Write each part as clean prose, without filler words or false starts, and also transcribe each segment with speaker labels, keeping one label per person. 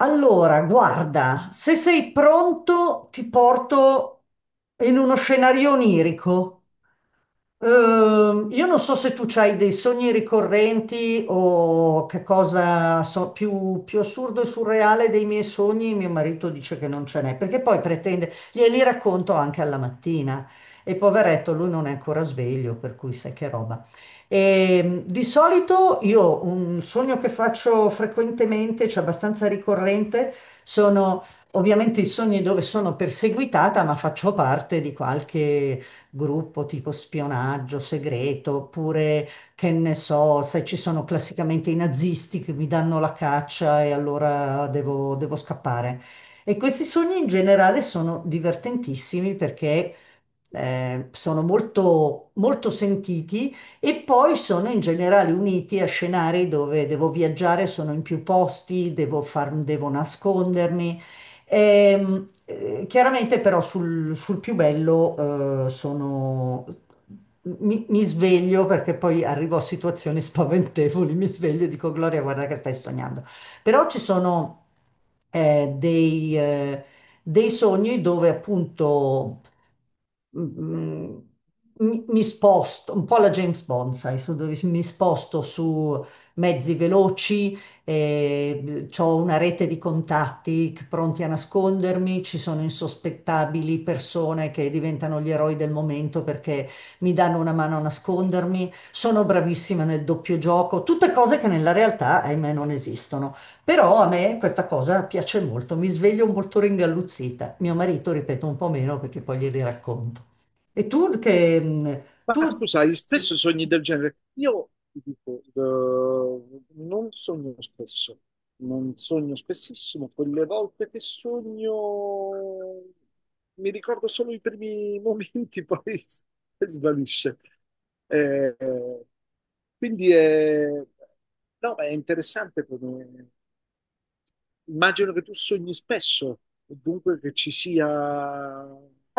Speaker 1: Allora, guarda, se sei pronto, ti porto in uno scenario onirico. Io non so se tu hai dei sogni ricorrenti o che cosa so, più assurdo e surreale dei miei sogni, mio marito dice che non ce n'è, perché poi pretende, glieli racconto anche alla mattina e poveretto lui non è ancora sveglio, per cui sai che roba. Di solito io un sogno che faccio frequentemente, cioè abbastanza ricorrente, sono ovviamente i sogni dove sono perseguitata, ma faccio parte di qualche gruppo tipo spionaggio segreto, oppure che ne so, se ci sono classicamente i nazisti che mi danno la caccia e allora devo scappare. E questi sogni in generale sono divertentissimi perché sono molto sentiti e poi sono in generale uniti a scenari dove devo viaggiare, sono in più posti, devo nascondermi. Chiaramente però sul più bello sono... Mi sveglio perché poi arrivo a situazioni spaventevoli, mi sveglio e dico Gloria, guarda che stai sognando. Però ci sono eh, dei, eh, dei sogni dove appunto mm, mm, mi sposto un po' alla James Bond, sai, su dove mi sposto su mezzi veloci, ho una rete di pronti a nascondermi, ci sono insospettabili persone che diventano gli eroi del momento perché mi danno una mano a nascondermi, sono bravissima nel doppio gioco, tutte cose che nella realtà, ahimè, non esistono. Però a me questa cosa piace molto, mi sveglio molto ringalluzzita. Mio marito, ripeto, un po' meno perché poi glieli racconto. E tu che...
Speaker 2: Ma
Speaker 1: tu...
Speaker 2: scusate, spesso sogni del genere. Io ti dico, non sogno spesso, non sogno spessissimo. Quelle volte che sogno mi ricordo solo i primi momenti, poi svanisce. Eh, quindi è, no, è interessante come... Immagino che tu sogni spesso, e dunque che ci sia,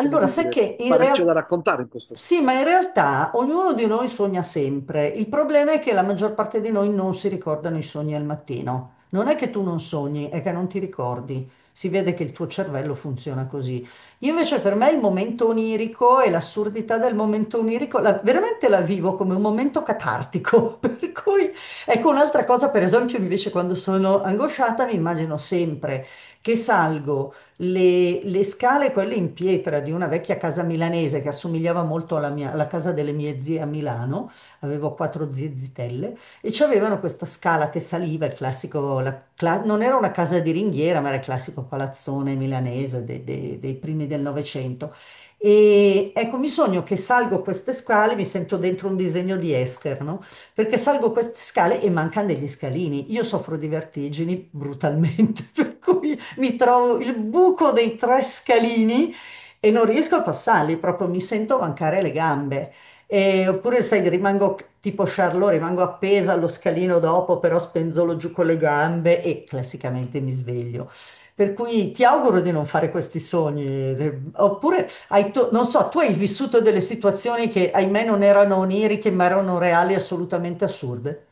Speaker 2: come
Speaker 1: sai
Speaker 2: dire,
Speaker 1: che in
Speaker 2: parecchio da
Speaker 1: realtà
Speaker 2: raccontare in questo.
Speaker 1: sì, ma in realtà ognuno di noi sogna sempre. Il problema è che la maggior parte di noi non si ricordano i sogni al mattino. Non è che tu non sogni, è che non ti ricordi. Si vede che il tuo cervello funziona così. Io invece per me il momento onirico e l'assurdità del momento veramente la vivo come un momento catartico. Per cui ecco un'altra cosa, per esempio, invece quando sono angosciata mi immagino sempre che salgo le scale, quelle in pietra di una vecchia casa milanese che assomigliava molto alla casa delle mie zie a Milano, avevo quattro zie zitelle, e c'avevano questa scala che saliva, il classico, non era una casa di ringhiera, ma era il classico palazzone milanese dei primi del Novecento. E ecco, mi sogno che salgo queste scale, mi sento dentro un disegno di Escher, no? Perché salgo queste scale e mancano degli scalini. Io soffro di vertigini brutalmente, per cui mi trovo il buco dei tre scalini e non riesco a passarli, proprio mi sento mancare le gambe. E- oppure, sai, rimango tipo Charlot, rimango appesa allo scalino dopo, però spenzolo giù con le gambe e classicamente mi sveglio. Per cui ti auguro di non fare questi sogni, oppure non so, tu hai vissuto delle situazioni che ahimè non erano oniriche, ma erano reali, assolutamente assurde.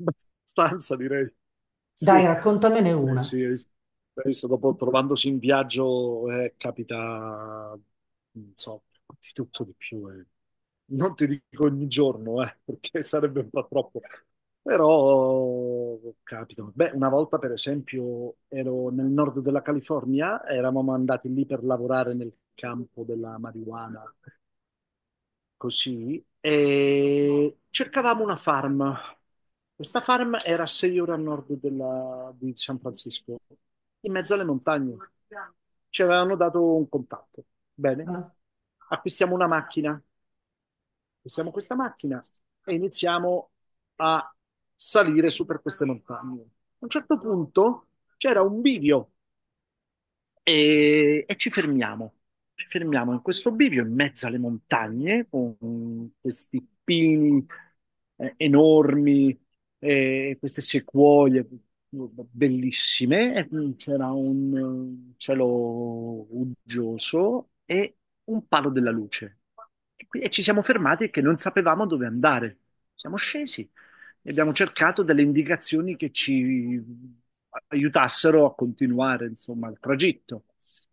Speaker 2: Abbastanza, direi. Sì.
Speaker 1: Dai, raccontamene
Speaker 2: Beh,
Speaker 1: una.
Speaker 2: sì, hai visto, dopo trovandosi in viaggio capita, non so, di tutto di più. Non ti dico ogni giorno, perché sarebbe un po' troppo. Però capita. Beh, una volta, per esempio, ero nel nord della California, eravamo andati lì per lavorare nel campo della marijuana così, e cercavamo una farm. Questa farm era a 6 ore a di San Francisco, in mezzo alle montagne. Ci avevano dato un contatto. Bene,
Speaker 1: Ah,
Speaker 2: acquistiamo una macchina, acquistiamo questa macchina e iniziamo a salire su per queste montagne. A un certo punto c'era un bivio e ci fermiamo. Ci fermiamo in questo bivio in mezzo alle montagne con questi pini enormi, queste sequoie bellissime. E, c'era un cielo uggioso e un palo della luce. E ci siamo fermati che non sapevamo dove andare. Siamo scesi e abbiamo cercato delle indicazioni che ci aiutassero a continuare, insomma, il tragitto.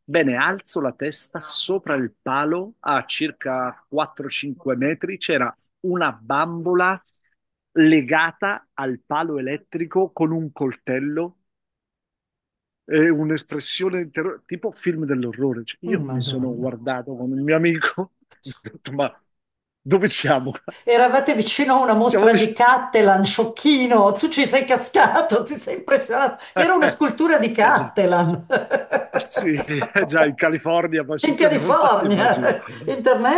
Speaker 2: Bene, alzo la testa sopra il palo, a circa 4-5 metri c'era una bambola legata al palo elettrico con un coltello e un'espressione di terrore, tipo film dell'orrore. Cioè, io
Speaker 1: mm,
Speaker 2: mi sono
Speaker 1: Madonna.
Speaker 2: guardato con il mio amico, ho detto, ma dove siamo?
Speaker 1: Eravate vicino a una
Speaker 2: Siamo,
Speaker 1: mostra di
Speaker 2: vic-
Speaker 1: Cattelan, sciocchino, tu ci sei cascato, ti sei impressionato. Era una
Speaker 2: Eh
Speaker 1: scultura di
Speaker 2: eh già.
Speaker 1: Cattelan.
Speaker 2: Sì, eh già, in California, ma
Speaker 1: In
Speaker 2: su quelle montagne immagino.
Speaker 1: California,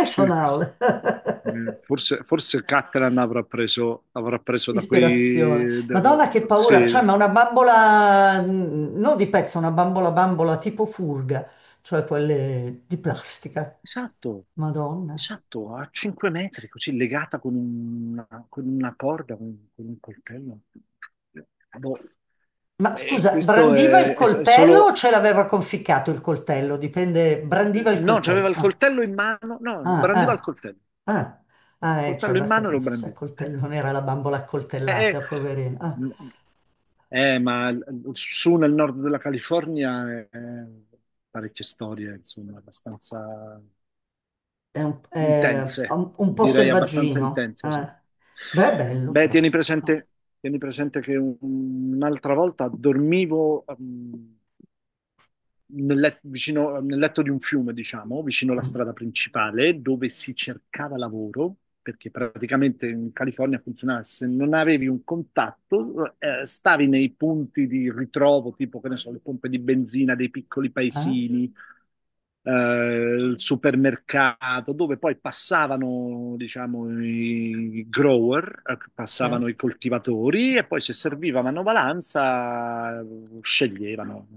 Speaker 2: Sì. Forse, forse Catalan avrà preso da
Speaker 1: Ispirazione.
Speaker 2: quei,
Speaker 1: Madonna che paura,
Speaker 2: sì,
Speaker 1: cioè ma una bambola, mm, non di pezzo, una bambola bambola tipo furga, cioè quelle di plastica.
Speaker 2: esatto,
Speaker 1: Madonna.
Speaker 2: esatto, a 5 metri, così legata con una corda, con un coltello. Eh, Boh.
Speaker 1: Ma
Speaker 2: E
Speaker 1: scusa,
Speaker 2: questo
Speaker 1: brandiva il
Speaker 2: è
Speaker 1: coltello o
Speaker 2: solo.
Speaker 1: ce l'aveva conficcato il coltello? Dipende, brandiva il
Speaker 2: No,
Speaker 1: coltello.
Speaker 2: c'aveva il
Speaker 1: Ah.
Speaker 2: coltello in mano, no,
Speaker 1: Ah,
Speaker 2: brandiva il
Speaker 1: ah,
Speaker 2: coltello.
Speaker 1: ah, ah, cioè
Speaker 2: Coltello in
Speaker 1: basta che
Speaker 2: mano e
Speaker 1: non
Speaker 2: lo
Speaker 1: fosse
Speaker 2: brandì.
Speaker 1: a coltello, non era la bambola
Speaker 2: Eh,
Speaker 1: accoltellata, poverina. Ah,
Speaker 2: ma su nel nord della California parecchie storie, insomma, abbastanza
Speaker 1: è
Speaker 2: intense,
Speaker 1: un po'
Speaker 2: direi abbastanza
Speaker 1: selvaggino.
Speaker 2: intense. Sì.
Speaker 1: Eh. Beh, è bello
Speaker 2: Beh,
Speaker 1: però. No.
Speaker 2: tieni presente che un'altra volta dormivo, nel letto di un fiume, diciamo, vicino alla
Speaker 1: Mm,
Speaker 2: strada principale, dove si cercava lavoro, perché praticamente in California funzionava, se non avevi un contatto, stavi nei punti di ritrovo, tipo, che ne so, le pompe di benzina dei piccoli
Speaker 1: eh?
Speaker 2: paesini, il supermercato, dove poi passavano, diciamo, i grower,
Speaker 1: Sì?
Speaker 2: passavano
Speaker 1: Oh,
Speaker 2: i coltivatori e poi se serviva manovalanza sceglievano.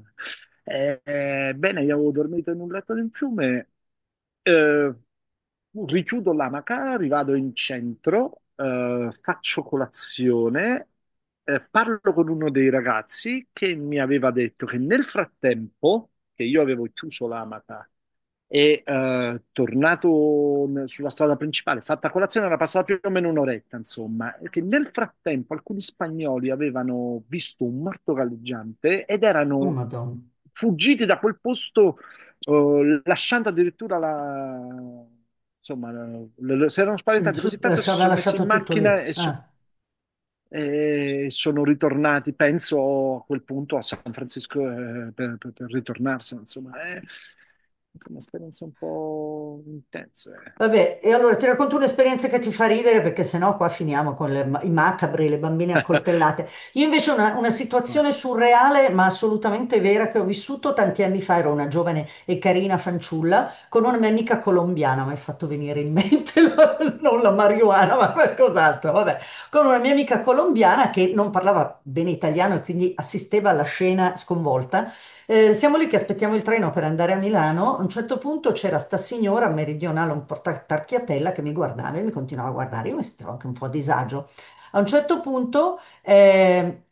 Speaker 2: Bene, io avevo dormito in un letto di un fiume. eh, Richiudo l'amaca, rivado in centro, faccio colazione, parlo con uno dei ragazzi che mi aveva detto che nel frattempo che io avevo chiuso l'amaca e tornato sulla strada principale, fatta colazione, era passata più o meno un'oretta, insomma, e che nel frattempo alcuni spagnoli avevano visto un morto galleggiante ed erano
Speaker 1: Madonna.
Speaker 2: fuggiti da quel posto o lasciando addirittura la, insomma, si erano spaventati così tanto che si
Speaker 1: Aveva
Speaker 2: sono messi in
Speaker 1: lasciato tutto
Speaker 2: macchina
Speaker 1: lì.
Speaker 2: e,
Speaker 1: Ah.
Speaker 2: e sono ritornati, penso a quel punto a San Francisco per, per ritornarsene, insomma, è insomma, esperienze un po' intense.
Speaker 1: Vabbè, e allora ti racconto un'esperienza che ti fa ridere perché sennò qua finiamo con i macabri, le bambine accoltellate. Io invece ho una
Speaker 2: Eh.
Speaker 1: situazione surreale ma assolutamente vera che ho vissuto tanti anni fa, ero una giovane e carina fanciulla con una mia amica colombiana, mi hai fatto venire in mente non la marijuana ma qualcos'altro, vabbè, con una mia amica colombiana che non parlava bene italiano e quindi assisteva alla scena sconvolta. Siamo lì che aspettiamo il treno per andare a Milano. A un certo punto c'era sta signora meridionale, un po' tarchiatella, che mi guardava e mi continuava a guardare. Io mi sentivo anche un po' a disagio. A un certo punto eh,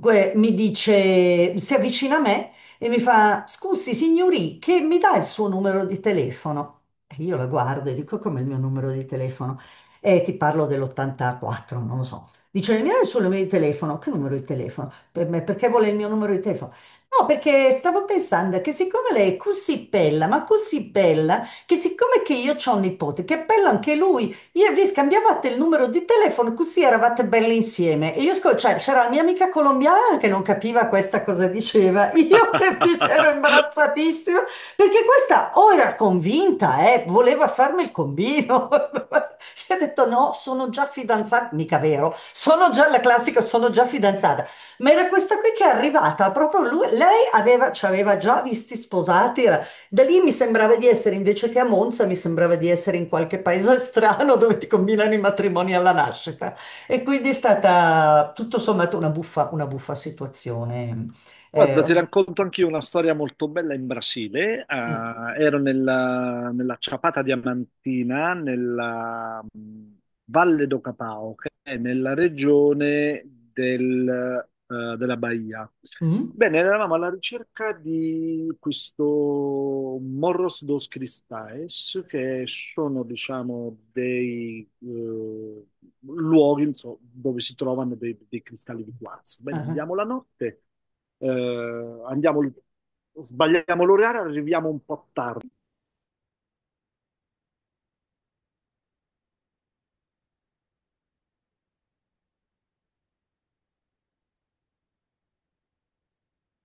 Speaker 1: que- mi dice, si avvicina a me e mi fa: Scusi, signori, che mi dà il suo numero di telefono? E io la guardo e dico: Come il mio numero di telefono? E ti parlo dell'84, non lo so. Dice, mi dai il suo numero di telefono? Che numero di telefono? Per me, perché vuole il mio numero di telefono? No, perché stavo pensando che siccome lei è così bella, ma così bella, che siccome che io ho un nipote, che è bello anche lui, io e vi scambiavate il numero di telefono, così eravate belle insieme. E io, scol- cioè, c'era la mia amica colombiana che non capiva questa cosa diceva, io che invece ero imbarazzatissima, perché questa o era convinta, voleva farmi il combino. Io ho detto no, sono già fidanzata, mica vero, sono già la classica, sono già fidanzata. Ma era questa qui che è arrivata, proprio lui, lei aveva, ci aveva già visti sposati, era- da lì mi sembrava di essere, invece che a Monza, mi sembrava di essere in qualche paese strano dove ti combinano i matrimoni alla nascita. E quindi è stata tutto sommato una buffa situazione.
Speaker 2: Guarda, ti
Speaker 1: Ogni-
Speaker 2: racconto anche io una storia molto bella in Brasile.
Speaker 1: eh,
Speaker 2: Ah, ero nella Ciapata Diamantina, nella Valle do Capao, che è nella regione della Bahia.
Speaker 1: mm?
Speaker 2: Bene, eravamo alla ricerca di questo Morros dos Cristais, che sono, diciamo, dei luoghi, insomma, dove si trovano dei cristalli di quarzo. Bene,
Speaker 1: Ah.
Speaker 2: andiamo la notte, andiamo, sbagliamo l'orario, arriviamo un po'